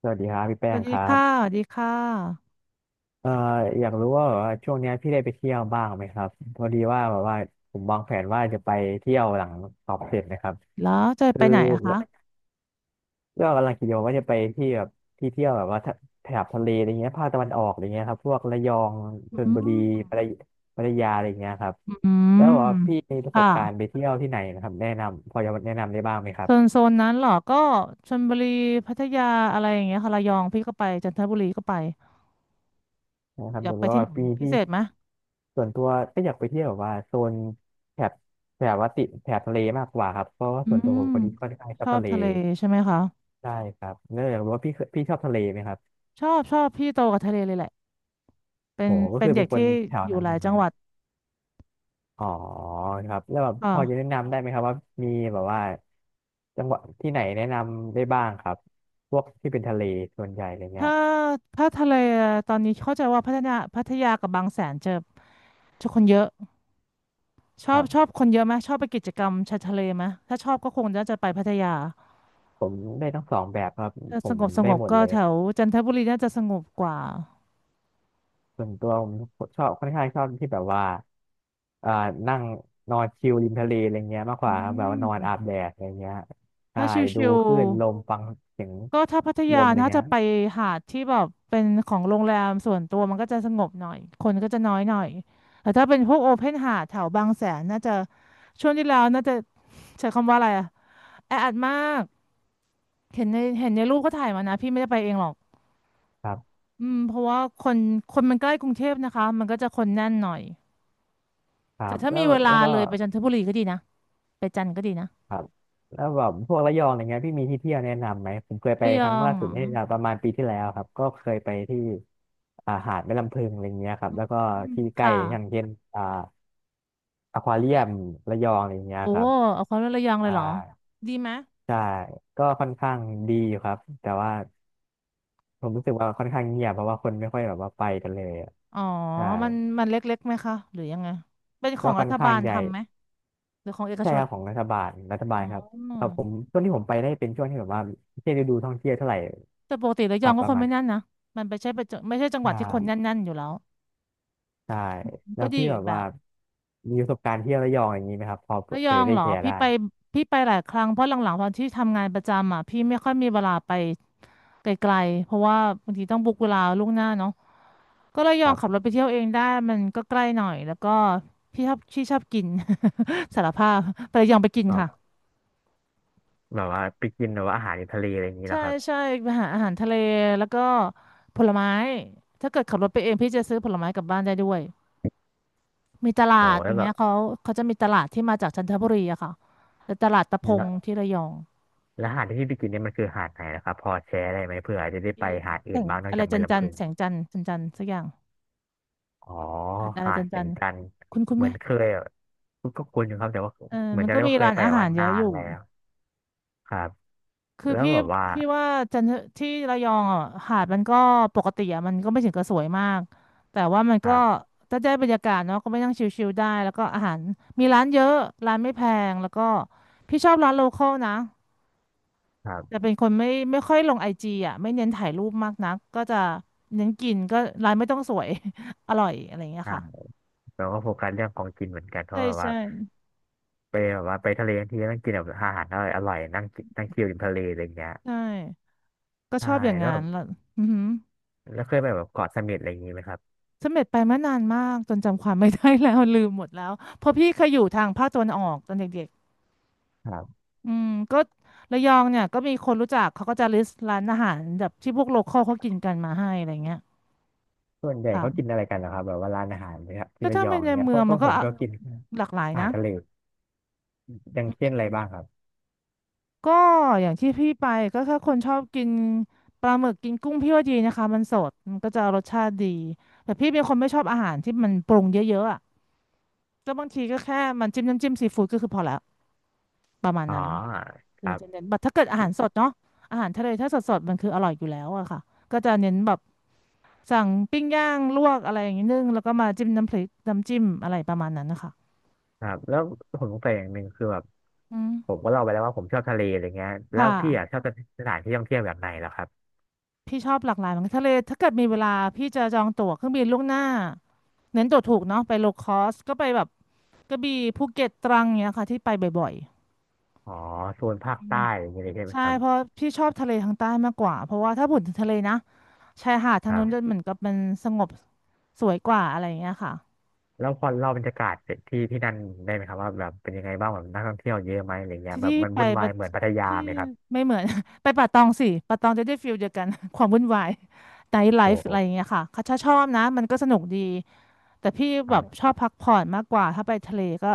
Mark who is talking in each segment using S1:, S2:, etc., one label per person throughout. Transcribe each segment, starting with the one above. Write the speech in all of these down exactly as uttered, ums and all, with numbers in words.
S1: สวัสดีครับพี่
S2: ส
S1: แป้
S2: วั
S1: ง
S2: ส
S1: ค
S2: ดี
S1: รั
S2: ค่ะ
S1: บ
S2: สวัสดีค่ะ
S1: เอ่ออยากรู้ว่าแบบว่าช่วงเนี้ยพี่ได้ไปเที่ยวบ้างไหมครับพอดีว่าแบบว่าผมวางแผนว่าจะไปเที่ยวหลังสอบเสร็จนะครับ
S2: แล้วจะ
S1: คื
S2: ไป
S1: อ
S2: ไหนอะคะ
S1: ก็กำลังคิดอยู่ว่าจะไปที่แบบที่เที่ยวแบบว่าทะแถบทะเลอะไรเงี้ยภาคตะวันออกอะไรเงี้ยครับพวกระยองชล
S2: อื
S1: บุรี
S2: ม
S1: พัทยพัทยาอะไรเงี้ยครับ
S2: อื
S1: แล้วบ
S2: ม
S1: อกว่าพี่มีประส
S2: ค่ะ
S1: บการณ์ไปเที่ยวที่ไหนนะครับแนะนำพอจะแนะนำได้บ้างไหมครั
S2: โซน
S1: บ
S2: โซนนั้นเหรอก็ชลบุรีพัทยาอะไรอย่างเงี้ยค่ะระยองพี่ก็ไปจันทบุรีก็ไป
S1: นะครับ
S2: อยา
S1: เดี๋
S2: ก
S1: ยว
S2: ไป
S1: ว่า
S2: ที่ไหน
S1: ปี
S2: พิ
S1: ที่
S2: เศษไหม
S1: ส่วนตัวก็อยากไปเที่ยวแบบว่าโซนแถบแบบว่าติดแถบทะเลมากกว่าครับเพราะว่า
S2: อื
S1: ส่วนตัวผ
S2: ม
S1: มคนนี้ก็ค่อนข้างช
S2: ช
S1: อบ
S2: อ
S1: ทะ
S2: บ
S1: เล
S2: ทะเลใช่ไหมคะ
S1: ได้ครับเนื่องจากรู้ว่าพี่เคยพี่ชอบทะเลไหมครับ
S2: ชอบชอบพี่โตกับทะเลเลยแหละเป็
S1: โห
S2: น
S1: ก็
S2: เป็
S1: คื
S2: น
S1: อ
S2: เด็
S1: เป็น
S2: ก
S1: คน
S2: ที่
S1: แถว
S2: อยู่
S1: นั้น
S2: ห
S1: เล
S2: ลาย
S1: ยไหม
S2: จังหวัด
S1: อ๋อครับแล้วแบบ
S2: อ่า
S1: พอจะแนะนำได้ไหมครับว่ามีแบบว่าจังหวัดที่ไหนแนะนำได้บ้างครับพวกที่เป็นทะเลส่วนใหญ่อะไรเงี้
S2: ถ้า
S1: ย
S2: ถ้าทะเลตอนนี้เข้าใจว่าพัฒนาพัทยากับบางแสนเจอจะคนเยอะ ช
S1: ค
S2: อบ
S1: รั
S2: ชอ
S1: บ
S2: บคนเยอะไหมชอบไปกิจกรรมชายทะเลไหมถ้าชอบก็คงน่าจะไปพัทยา
S1: ผมได้ทั้งสองแบบครับ
S2: ถ้า
S1: ผ
S2: ส
S1: ม
S2: งบส
S1: ได้
S2: งบ
S1: หมด
S2: ก็
S1: เลย
S2: แถวจันทบุรีน่าจะสงบกว่า
S1: ส่วนตัวผมชอบค่อนข้างชอบที่แบบว่าอ่านั่งนอนชิลริมทะเลอะไรเงี้ยมากก
S2: อื
S1: ว่าครับแบบว่านอน
S2: ม
S1: อาบแดดอะไรเงี้ยใช่
S2: ถ้าช
S1: ดู
S2: ิว
S1: คลื่นลมฟังเสียง
S2: ๆก็ถ้าพัท
S1: ล
S2: ยา
S1: มอะไร
S2: น่าจะ
S1: เงี้ย
S2: ไปหาดที่แบบเป็นของโรงแรมส่วนตัวมันก็จะสงบหน่อยคนก็จะน้อยหน่อยแต่ถ้าเป็นพวกโอเพนหาดแถวบางแสนน่าจะช่วงที่แล้วน่าจะใช้คำว่าอะไรอะแออัดมากเห็นในเห็นในรูปก็ถ่ายมานะพี่ไม่ได้ไปเองหรอก
S1: ครับ
S2: อืมเพราะว่าคนคนมันใกล้กรุงเทพนะคะมันก็จะคนแน่นหน่อย
S1: ครั
S2: แต่
S1: บ
S2: ถ้า
S1: แล้
S2: มี
S1: ว
S2: เวลา
S1: แล้วก็
S2: เลยไปจันทบุรีก็ดีนะไปจันทร์ก็ดีนะ
S1: ครับแล้วแบบพวกระยองอะไรเงี้ยพี่มีที่เที่ยวแนะนำไหม ผมเคยไป
S2: ระย
S1: ค
S2: อ
S1: รั้ง
S2: ง
S1: ล่า
S2: เห
S1: สุ
S2: ร
S1: ด
S2: อ
S1: นี่ประมาณปีที่แล้วครับก็เคยไปที่อ่าหาดแม่ลำพึงอะไรเงี้ยครับแล้วก็
S2: อืม
S1: ที่ใกล้
S2: ค่ะ
S1: อย่างเช่นอ่าอควาเรียมระยองอะไรเงี้ย
S2: โอ้
S1: ครับ
S2: เอาความว่าระยองเลย
S1: ใช่
S2: เหรอดีไหม
S1: ใช่ก็ค่อนข้างดีอยู่ครับแต่ว่าผมรู้สึกว่าค่อนข้างเงียบเพราะว่าคนไม่ค่อยแบบว่าไปกันเลยอะ
S2: อ๋อ
S1: ใช่
S2: มันมันเล็กๆไหมคะหรือยังไงเป็นข
S1: ก็
S2: อง
S1: ค่
S2: รั
S1: อน
S2: ฐ
S1: ข้า
S2: บา
S1: ง
S2: ล
S1: ใหญ่
S2: ทำไหมหรือของเอก
S1: ใช่
S2: ช
S1: ค
S2: น
S1: รับของรัฐบาลรัฐบา
S2: อ๋
S1: ล
S2: อ
S1: ครับเออผมช่วงที่ผมไปได้เป็นช่วงที่แบบว่าไม่ใช่ฤดูท่องเที่ยวเท่าไหร่
S2: แต่ปกติระ
S1: ค
S2: ยอ
S1: รั
S2: ง
S1: บ
S2: ก็
S1: ประ
S2: คน
S1: มาณ
S2: ไม่แน่นนะมันไม่ใช่เป็นจังไม่ใช่จัง
S1: อ
S2: หวัดที่คน
S1: ่า
S2: แน่นๆอยู่แล้ว
S1: ใช่แล้
S2: ก็
S1: ว
S2: ดี
S1: พี่
S2: อี
S1: แบ
S2: ก
S1: บ
S2: แบ
S1: ว่า
S2: บ
S1: มีประสบการณ์เที่ยวระยองอย่างนี้ไหมครับพอเ
S2: ระย
S1: ผื่
S2: อ
S1: อ
S2: ง
S1: จะได้
S2: เหรอ
S1: แชร์
S2: พี่
S1: ได้
S2: ไปพี่ไปหลายครั้งเพราะหลังๆตอนที่ทำงานประจำอ่ะพี่ไม่ค่อยมีเวลาไป ไกลๆเพราะว่าบางทีต้องบุ๊กเวลาล่วงหน้าเนาะก็เลยย
S1: ค
S2: อม
S1: รั
S2: ขับร
S1: บ
S2: ถไปเที่ยวเองได้มันก็ใกล้หน่อย แล้วก็พี่ชอบที่ชอบกิน สารภาพไประยองไปกิน
S1: อ๋อ
S2: ค่ะ
S1: แบบว่าไปกินแบบว่าอาหารทะเลอะไรอย่างนี้เหร
S2: ใช่
S1: อครับ
S2: ใช่ไปหาอาหารทะเล แล้วก็ผลไม้ ถ้าเกิดขับรถไปเองพี่จะซื้อผลไม้กลับบ้านได้ด้วยมีต
S1: โอ้
S2: ลาดอ
S1: แล้ว
S2: ย่าง
S1: แบ
S2: เงี้
S1: บ
S2: ยเขาเขาจะมีตลาดที่มาจากจันทบุรีอะค่ะแต่ตลาดตะพ
S1: แล้
S2: ง
S1: ว
S2: ที่ระยอง
S1: แล้วหาดที่พี่ไปกินเนี่ยมันคือหาดไหนนะครับพอแชร์ได้ไหมเผื่อจะได้ไป
S2: ที่
S1: หาด
S2: แส
S1: อื่น
S2: ง
S1: บ้างนอก
S2: อะไร
S1: จาก
S2: จั
S1: แม่
S2: นจั
S1: ลำ
S2: น
S1: พึง
S2: แสงจันทร์จันจันทร์สักอย่าง
S1: อ๋อ
S2: หาดอะไร
S1: หาด
S2: จัน
S1: แส
S2: จั
S1: ง
S2: นทร์
S1: จันทร์
S2: คุณคุณ
S1: เห
S2: ไห
S1: มื
S2: ม
S1: อนเคยอะก็ก็คุ้นอยู่ครับแต่ว่า
S2: เออ
S1: เหมือ
S2: มั
S1: น
S2: น
S1: จะ
S2: ก็
S1: ได้
S2: มี
S1: ว่าเคย
S2: ร้าน
S1: ไป
S2: อา
S1: แต่
S2: หา
S1: ว่า
S2: รเย
S1: นา
S2: อะอ
S1: น
S2: ยู่
S1: แล้วครับ
S2: คือ
S1: แล้ว
S2: พี่
S1: แบบว่า
S2: พี่ว่าจันทที่ระยองอ่ะหาดมันก็ปกติอ่ะมันก็ไม่ถึงกับสวยมากแต่ว่ามัน
S1: ค
S2: ก็
S1: รับ
S2: ถ้าได้บรรยากาศเนาะก็ไปนั่งชิลๆได้แล้วก็อาหารมีร้านเยอะร้านไม่แพงแล้วก็พี่ชอบร้านโลคอลนะ
S1: ครั
S2: แต่
S1: บ
S2: เป็นคนไม่ไม่ค่อยลงไอจีอ่ะไม่เน้นถ่ายรูปมากนักก็จะเน้นกินก็ร้านไม่ต้องสวย อร่อยอะไรอย่างเงี้ย
S1: ใช่
S2: ค่ะ
S1: แต่ว่าโฟกัสเรื่องของกินเหมือนกันเพ
S2: ใช่
S1: ราะแบบว่า
S2: ใช่
S1: ไปแบบว่าไปทะเลทั้งทีต้องกินแบบอาหารอร่อยอร่อยนั่งกินนั่งชิลริมทะเลอะไรอย่างเงี้ย
S2: ใช่ก็ช
S1: ใช่
S2: อบอย่าง
S1: แล้ว
S2: งั้
S1: แบ
S2: น
S1: บ
S2: แล้วอือหือ
S1: แล้วเคยไปแบบเกาะเสม็ดอะไรอย่างงี้ไหมครับ
S2: เสม็ดไปเมื่อนานมากจนจำความไม่ได้แล้ว ลืมหมดแล้วเพราะพี่เคยอยู่ทางภาคตะวันออกตอนเด็ก
S1: ครับ
S2: ๆอืมก็ระยองเนี่ยก็มีคนรู้จักเขาก็จะลิสต์ร้านอาหารแบบที่พวกโลคอลเขากินกันมาให้อะไรเงี้ย
S1: ส่วนใหญ่เขากิน
S2: ค่ะ
S1: อะไรกันนะครับแบบว่าร้านอาหารเนี่ยครับที่
S2: ก็
S1: ระ
S2: ถ้า
S1: ยอ
S2: เป็
S1: ง
S2: นใน
S1: เนี่ย
S2: เมื
S1: เพ
S2: อ
S1: ราะ
S2: ง
S1: เพ
S2: มัน
S1: ราะผ
S2: ก็
S1: ม
S2: อ่ะ
S1: ก็กิน
S2: หลากหลาย
S1: อาหา
S2: นะ
S1: รทะเลอย่างเช่นอะไรบ้างครับ
S2: ก็อย่างที่พี่ไปก็ถ้าคนชอบกินปลาหมึกกินกุ้งพี่ว่าดีนะคะมันสดมันก็จะรสชาติดีแต่พี่เป็นคนไม่ชอบอาหารที่มันปรุงเยอะๆอ่ะก็บางทีก็แค่มันจิ้มน้ำจิ้มซีฟู้ดก็คือพอแล้วประมาณ
S1: อ๋อ
S2: นั้น
S1: ค
S2: เออ
S1: รับ
S2: จะเน้นแบบถ้าเกิดอาหารสดเนาะอาหารทะเลถ้าสดสดมันคืออร่อยอยู่แล้วอะค่ะก็จะเน้นแบบสั่งปิ้งย่างลวกอะไรอย่างนี้นึ่งแล้วก็มาจิ้มน้ำพริกน้ำจิ้มอะไรประมาณนั้นนะคะ
S1: ครับแล้วผมสงสัยอย่างหนึ่งคือแบบ
S2: อืม
S1: ผมก็เล่าไปแล้วว่าผมชอบทะเลอะไรเงี้ยแล้
S2: ค่ะ
S1: วพี่อ่ะชอบสถานที่ท่องเที่ยวแบบไหนแล้วครับ
S2: พี่ชอบหลากหลายเหมือนกันทะเลถ้าเกิดมีเวลาพี่จะจองตั๋วเครื่องบินล่วงหน้าเน้นตั๋วถูกเนาะไปโลคอสก็ไปแบบกระบี่ภูเก็ตตรังเนี้ยค่ะที่ไปบ่อย
S1: อ๋อโซนภาคใต้อะไรอย่างเงี้ยเลยใช่
S2: ๆ
S1: ไหม
S2: ใช่
S1: ครับ
S2: เพราะพี่ชอบทะเลทางใต้มากกว่าเพราะว่าถ้าพูดถึงทะเลนะชายหาดทา
S1: ค
S2: ง
S1: รั
S2: นู้นจะ
S1: บ
S2: เหมือนกับมันสงบสวยกว่าอะไรอย่างเงี้ยค่ะ
S1: แล้วพอเล่าบรรยากาศที่ที่นั่นได้ไหมครับว่าแบบเป็นยังไงบ้างแบบนักท่องเที่ยวเยอะไหมอะไรเงี้ยแบ
S2: ที่
S1: บมัน
S2: ไป
S1: วุ่นวาย
S2: ปะ
S1: เหมือนพัทยา
S2: ที่
S1: ไหมครับ
S2: ไม่เหมือน ไปป่าตองสิป่าตองจะได้ฟิลเดียวกัน ความวุ่นวายไนท์ไล
S1: โอ้
S2: ฟ์
S1: โห
S2: อะไรอย่างเงี้ยค่ะเขาชอบนะมันก็สนุกดีแต่พี่
S1: ค
S2: แบ
S1: รั
S2: บช
S1: บ
S2: อบพักผ่อนมากกว่าถ้าไปทะเลก็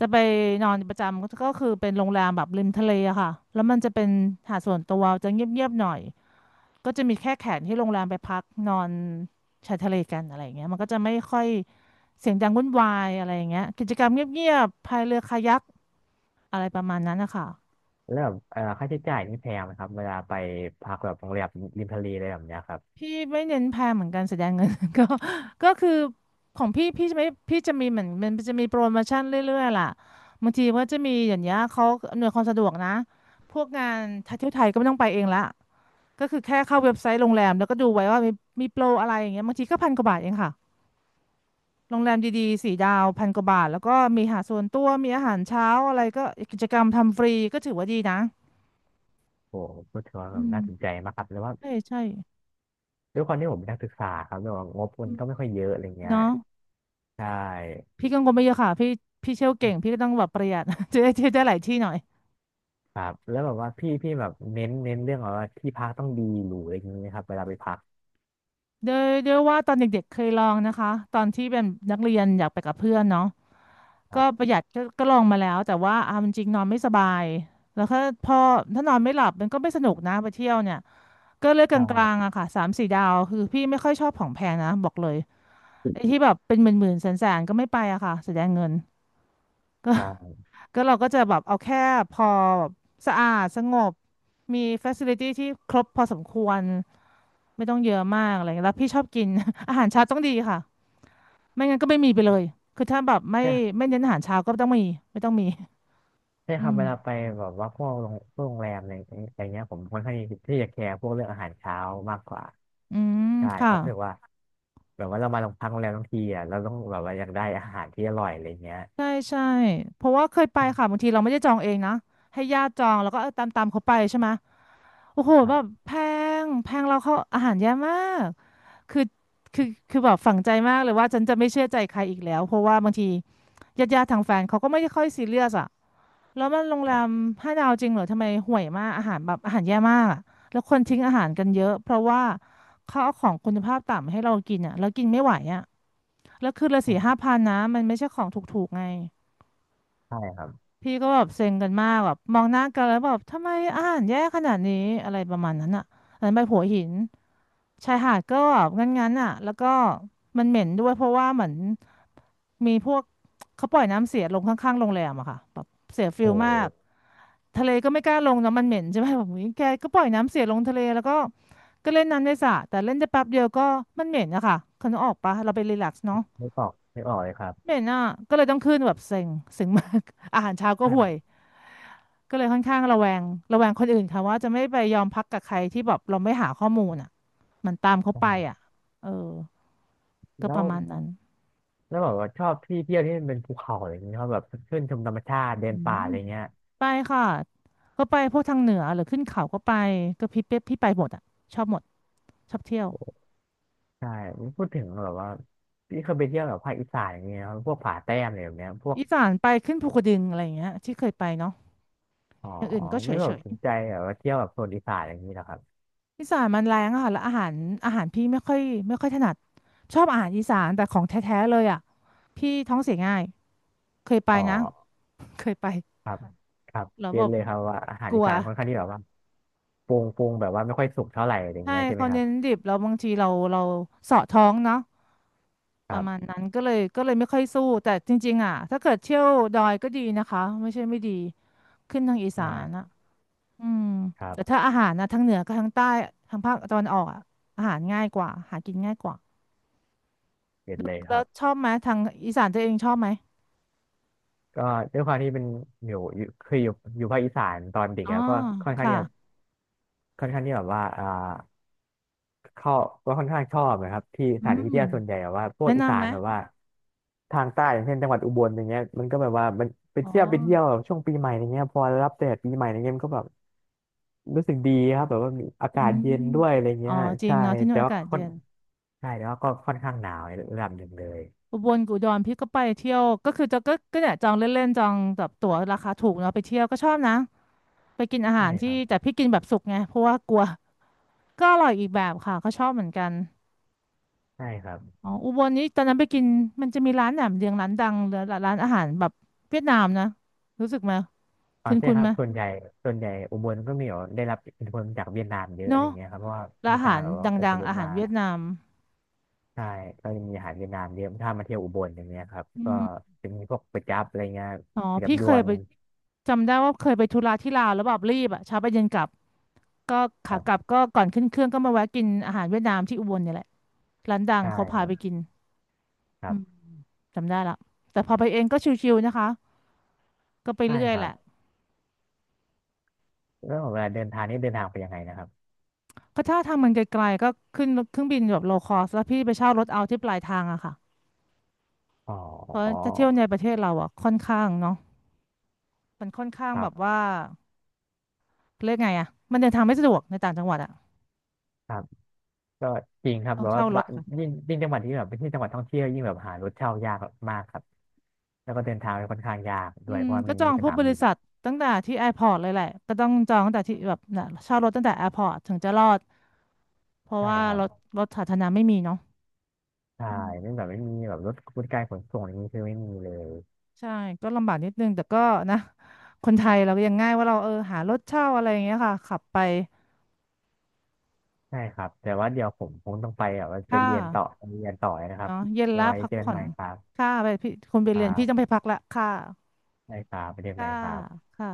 S2: จะไปนอนประจำก็คือเป็นโรงแรมแบบริมทะเลอะค่ะแล้วมันจะเป็นหาดส่วนตัวจะเงียบๆหน่อยก็จะมีแค่แขกที่โรงแรมไปพักนอนชายทะเลกันอะไรอย่างเงี้ยมันก็จะไม่ค่อยเสียงดังวุ่นวายอะไรอย่างเงี้ยกิจกรรมเงียบๆพายเรือคายักอะไรประมาณนั้นนะคะ
S1: แล้วแบบเอ่อค่าใช้จ่ายนี่แพงไหมครับเวลาไปพักแบบโรงแรมริมทะเลอะไรแบบเนี้ยครับ
S2: พี่ไม่เน้นแพงเหมือนกันแสดงเงิน ก็ก็คือของพี่พี่จะไม่พี่จะมีเหมือนมันจะมีโปรโมชั่นเรื่อยๆล่ะบางทีว่าจะมีอย่างเงี้ยเขาอำนวยความสะดวกนะพวกงานท่เที่ยวไทยก็ไม่ต้องไปเองละก็คือแค่เข้าเว็บไซต์โรงแรมแล้วก็ดูไว้ว่ามีมีโปรอะไรอย่างเงี้ยบางทีก็พันกว่าบาทเองค่ะโรงแรมดีๆสี่ดาวพันกว่าบาทแล้วก็มีอาหารส่วนตัวมีอาหารเช้าอะไรก็กิจกรรมทำฟรีก็ถือว่าดีนะ
S1: โอ้โหก็ถือว่าแบ
S2: อื
S1: บ
S2: ม
S1: น่าสนใจมากครับแล้วว่า
S2: ใช่ใช่
S1: ด้วยความที่ผมเป็นนักศึกษาครับแล้วแบบงบมันก็ไม่ค่อยเยอะอะไรเงี้ย
S2: เนาะ
S1: ใช่
S2: พี่กังวลไม่เยอะค่ะพี่พี่เที่ยวเก่งพี่ก็ต้องแบบประหยัด จะได้เที่ยวได้หลายที่หน่อย
S1: ครับแล้วแบบว่าพี่พี่แบบเน้นเน้นเรื่องแบบว่าที่พักต้องดีหรูอะไรอย่างเงี้ยครับเวลาไปพัก
S2: โดยโดยว่าตอนเด็กๆเคยลองนะคะตอนที่เป็นนักเรียนอยากไปกับเพื่อนเนาะ
S1: ครั
S2: ก็ป
S1: บ
S2: ระหยัดก็ก็ลองมาแล้วแต่ว่าเอาจริงๆนอนไม่สบายแล้วก็พอถ้านอนไม่หลับมันก็ไม่สนุกนะไปเที่ยวเนี่ยก็เลือก
S1: ใ
S2: กลางๆ
S1: ช่
S2: อะค่ะสามสี่ดาวคือพี่ไม่ค่อยชอบของแพงนะบอกเลยไอ้ที่แบบเป็นหมื่นๆแสนๆก็ไม่ไปอะค่ะเสียดายเงินก็
S1: ใช่
S2: ก็เราก็จะแบบเอาแค่พอแบบสะอาดสงบมีฟ a ซิลิตี้ที่ครบพอสมควรไม่ต้องเยอะมากอะไรเงี้ยแล้วพี่ชอบกิน อาหารเช้าต้องดีค่ะไม่งั้นก็ไม่มีไปเลยคือถ้าแบบไม่
S1: ใช่
S2: ไม่เน้นอาหารเช้าก็ต้องมีไม่ต้องมี
S1: ใช่
S2: อื
S1: ครับ
S2: ม
S1: เวลาไปแบบว่าพวกโรงพวกโรงแรมอะไรอะไรเงี้ยผมค่อนข้างที่จะแคร์พวกเรื่องอาหารเช้ามากกว่า
S2: อืม
S1: ใช่เพ
S2: ค่ะ
S1: ราะรู้สึกว่า แบบว่าเรามาลงพักโรงแรมทั้งทีอ่ะเราต้องแบบว่าอยากได้อาหารที่อร่อยอะไรเงี้ย
S2: ใช่ใช่เพราะว่าเคยไปค่ะบางทีเราไม่ได้จองเองนะให้ญาติจองแล้วก็เออตามตามเขาไปใช่ไหมโอ้โห
S1: ครั
S2: แบบ
S1: บ
S2: แพงแพงเราเขาอาหารแย่มาก คือคือคือแบบฝังใจมากเลยว่าฉันจะไม่เชื่อใจใครอีกแล้วเพราะว่าบางทีญาติญาติทางแฟนเขาก็ไม่ได้ค่อยซีเรียสอะแล้วมันโรง
S1: ค
S2: แร
S1: รั
S2: ม
S1: บ
S2: ห้าดาวจริงเหรอทำไมห่วยมากอาหารแบบอาหารแย่มากอะแล้วคนทิ้งอาหารกันเยอะเพราะว่าเขาเอาของคุณภาพต่ำให้เรากินอะแล้วกินไม่ไหวอะแล้วคือละ
S1: ใช
S2: สี่ห้า
S1: ่
S2: พันนะมันไม่ใช่ของถูกๆไง
S1: ใช่ครับ
S2: พี่ก็แบบเซ็งกันมากแบบมองหน้ากันแล้วแบบทำไมอาหารแย่ขนาดนี้อะไรประมาณนั้นอะอันนั้นไปหัวหิน ชายหาดก็งั้นๆอ่ะแล้วก็มันเหม็นด้วยเพราะว่าเหมือนมีพวกเขาปล่อยน้ำเสียลงข้างๆโรงแรมอะค่ะแบบเสียฟิ
S1: โอ้
S2: ลมากทะเลก็ไม่กล้าลงเนอะมันเหม็นใช่ไหมแบบอุ๊ยแกก็ปล่อยน้ำเสียลงทะเลแล้วก็ก็เล่นน้ำในสระแต่เล่นได้แป๊บเดียวก็มันเหม็นอะค่ะคุณนึกออกปะเราไปรีแลกซ์เนาะ
S1: ไม่ออกไม่ออกเลยครับ
S2: เหม็นอะก็เลยต้องขึ้นแบบเซ็งเซ็งมาก อาหารเช้าก็ห่วย
S1: ใช่
S2: ก็เลยค่อนข้างระแวงระแวงคนอื่นค่ะว่าจะไม่ไปยอมพักกับใครที่แบบเราไม่หาข้อมูลอะมันตามเขาไป
S1: ใช่
S2: อะเออ ก็
S1: แล้
S2: ป
S1: ว
S2: ระมาณนั้น
S1: แล้วแบบว่าชอบที่เที่ยวที่มันเป็นภูเขาอะไรอย่างเงี้ยชอบแบบขึ้นชมธรรมชาติเดิ
S2: อื
S1: นป่า
S2: ม
S1: อะไรเงี้ย
S2: ไปค่ะก็ไปพวกทางเหนือหรือขึ้นเขาก็ไปก็พี่เป๊ะพี่ไปหมดอ่ะชอบหมดชอบเที่ยว
S1: ใช่พูดถึงแบบว่าพี่เคยไปเที่ยวแบบภาคอีสานอย่างเงี้ยครับพวกผาแต้มอะไรแบบเนี้ยพวก
S2: อีสานไปขึ้นภูกระดึงอะไรอย่างเงี้ยที่เคยไปเนาะ
S1: อ๋อ
S2: อย่างอื่นก็เฉ
S1: ไม่
S2: ย
S1: แบ
S2: เฉ
S1: บ
S2: ย
S1: สนใจแบบว่าเที่ยวแบบโซนอีสานอะไรอย่างนี้เหรอครับ
S2: อีสานมันแรงอะค่ะแล้วอาหารอาหารพี่ไม่ค่อยไม่ค่อยถนัดชอบอาหารอีสานแต่ของแท้ๆเลยอ่ะพี่ท้องเสียง่ายเคยไป
S1: อ๋อ
S2: นะ เคยไป
S1: ครับครับ
S2: แล้ว
S1: เร็
S2: แบ
S1: น
S2: บ
S1: เลยครับว่าอาหา
S2: ก
S1: ร
S2: ลั
S1: อี
S2: ว
S1: สานค่อนข้างที่แบบว่าปรุงปรุงแบบว่าไม่ค่อยสุกเท่าไหร่อะไรอย่าง
S2: ใช่
S1: เงี้ยใช่ไหม
S2: เขา
S1: ครับ
S2: เน้นดิบแล้วบางทีเราเราเสาะท้องเนาะ
S1: ค
S2: ป
S1: รั
S2: ระมาณ
S1: บ
S2: นั้นก็เลยก็เลยไม่ค่อยสู้แต่จริงๆอ่ะถ้าเกิดเที่ยวดอยก็ดีนะคะไม่ใช่ไม่ดีขึ้นทางอี
S1: ใช
S2: สานอ่ะ
S1: ่
S2: อืม
S1: ครั
S2: แต่
S1: บ
S2: ถ้าอาหารนะทางเหนือกับทางใต้ทางภาคตะวันออกอ่ะอาหารง่ายกว่าหากินง่ายกว่า
S1: เด็ด
S2: แล้ว
S1: เลยค
S2: แล้
S1: รั
S2: ว
S1: บ
S2: ชอบไหมทางอีสานตัวเองชอบไหม
S1: ก็ด้วยความที่เป็นอยู่อยู่เคยอยู่อยู่ภาคอีสานตอนเด็ก
S2: อ๋อ
S1: ครับก็ค่อนข้าง
S2: ค่ะ
S1: ที่จะค่อนข้างที่แบบว่าอ่าเข้าก็ค่อนข้างชอบนะครับที่ส
S2: อื
S1: ถานที่
S2: ม
S1: เที่ยวส่วนใหญ่แบบว่าพวก
S2: แนะ
S1: อีสา
S2: นำไห
S1: น
S2: ม
S1: แบบว่าทางใต้อย่างเช่นจังหวัดอุบลอย่างเงี้ยมันก็แบบว่ามันไป
S2: อ๋
S1: เที่ยวไปเที่ยว
S2: อ
S1: แบบช่วงปีใหม่อย่างเงี้ยพอรับแดดปีใหม่อย่างเงี้ยมันก็แบบรู้สึกดีครับแบบว่ามีอากา
S2: อื
S1: ศ
S2: ม
S1: เย็นด้วยอะไร
S2: อ๋อ
S1: เงี้ย
S2: จริง
S1: ใช่
S2: เนาะที่นู่
S1: แต่
S2: นอา
S1: ว่า
S2: กาศ
S1: ค่อน
S2: เย็น
S1: ใช่แต่ว่าก็ค่อนข้างหนาวในระดับหนึ่งเลย
S2: อุบลกับอุดรพี่ก็ไปเที่ยวก็คือจะก็ก็เนี่ยจองเล่นๆจองแบบตั๋วราคาถูกเนาะไปเที่ยวก็ชอบนะไปกินอา
S1: ใช่
S2: หาร
S1: ค
S2: ที่
S1: รับ
S2: แต่พี่กินแบบสุกไงเพราะว่ากลัวก็อร่อยอีกแบบค่ะก็ชอบเหมือนกัน
S1: ใช่ครับ
S2: อ๋ออุบลนี้ตอนนั้นไปกินมันจะมีร้านแหนมเนืองร้านดังหรือร้านอาหารแบบเวียดนามนะรู้สึกไหม
S1: อ๋อใช่
S2: คุ้น
S1: ค
S2: ๆ
S1: รั
S2: ไห
S1: บ
S2: ม
S1: ส่วนใหญ่ส่วนใหญ่อุบลก็มีแบบได้รับอิทธิพลจากเวียดนามเยอะอะไร
S2: เนาะ
S1: เงี้ยครับเพราะว่า
S2: ร้าน
S1: มี
S2: อา
S1: ตา
S2: หาร
S1: แบบว่า
S2: ด
S1: อพ
S2: ัง
S1: ย
S2: ๆ
S1: พ
S2: อาหาร
S1: มา
S2: เวียดนาม
S1: ใช่ก็จะมีอาหารเวียดนามเยอะถ้ามาเที่ยวอุบลอย่างเงี้ยครับ
S2: อื
S1: ก็
S2: ม
S1: จะมีพวกก๋วยจั๊บอะไรเงี้ย
S2: อ๋อ
S1: ก๋วยจั๊บ
S2: พี่
S1: ย
S2: เค
S1: ว
S2: ย
S1: น
S2: ไปจำได้ว่าเคยไปธุระที่ลาวแล้วแบบรีบอ่ะเช้าไปเย็นกลับก็
S1: ค
S2: ขา
S1: รั
S2: กลับ
S1: บ
S2: ก็ก่อนขึ้นเครื่องก็มาแวะกินอาหารเวียดนามที่อุบลเนี่ยแหละร้านดัง
S1: ใช่
S2: เขา
S1: ค
S2: พา
S1: รั
S2: ไป
S1: บ
S2: กิน
S1: ครั
S2: อืม
S1: บ
S2: จำได้ละแต่พอไปเองก็ชิวๆนะคะก็ไป
S1: ใช่
S2: เรื่อ
S1: ค
S2: ย
S1: รั
S2: แห
S1: บ
S2: ละ
S1: แล้วเวลาเดินทางนี่เดินทางไปยังไงนะครับ
S2: ก็ถ้าทางมันไกลๆก็ขึ้นเครื่องบินแบบโลคอสแล้วพี่ไปเช่ารถเอาที่ปลายทางอะค่ะ
S1: อ๋อ
S2: เพราะจะเที่ยวในประเทศเราอะค่อนข้างเนาะมันค่อนข้าง
S1: ครั
S2: แบบ
S1: บ
S2: ว่าเรียกไงอะมันเดินทางไม่สะดวกในต่างจังหวัดอะ
S1: ครับก็จริงครับ
S2: ต้อง
S1: แบบว่า
S2: เช่าร
S1: บะ
S2: ถ
S1: ยิ่งยิ่งจังหวัดที่แบบเป็นที่จังหวัดท่องเที่ยวยิ่งแบบหารถเช่ายากมากครับแล้วก็เดินทางค่อนข้างยากด้
S2: อื
S1: วย
S2: ม
S1: เพราะว่า
S2: ก็
S1: มัน
S2: จ
S1: ไม่
S2: อ
S1: มี
S2: ง
S1: ส
S2: พวก
S1: นาม
S2: บริ
S1: บิน
S2: ษัทตั้งแต่ที่แอร์พอร์ตเลยแหละก็ต้องจองตั้งแต่ที่แบบน่ะเช่ารถตั้งแต่แอร์พอร์ตถึงจะรอดเพราะ
S1: ใช่
S2: ว่า
S1: ครั
S2: รถ
S1: บ
S2: รถสาธารณะไม่มีเนาะ
S1: ใช่
S2: อื
S1: ไม่
S2: ม
S1: แบบไม่มีแบบรถบริการขนส่งอย่างนี้คือไม่มีเลย
S2: ใช่ก็ลำบากนิดนึงแต่ก็นะคนไทยเราก็ยังง่ายว่าเราเออหารถเช่าอะไรอย่างเงี้ยค่ะขับไป
S1: ใช่ครับแต่ว่าเดี๋ยวผมคงต้องไปแบบว่าไป
S2: ค่า
S1: เรียนต่อไปเรียนต่อนะครับ
S2: เนาะเย็นละ
S1: ไว้
S2: พัก
S1: เจอกัน
S2: ผ่อ
S1: ให
S2: น
S1: ม่ครับ
S2: ค่าไปพี่คนไป
S1: ครั
S2: เรียนพี่ต้องไป
S1: บ
S2: พักละค่า
S1: ได้ครับไปเรียนให
S2: ค่า
S1: ม่ครับ
S2: ค่ะ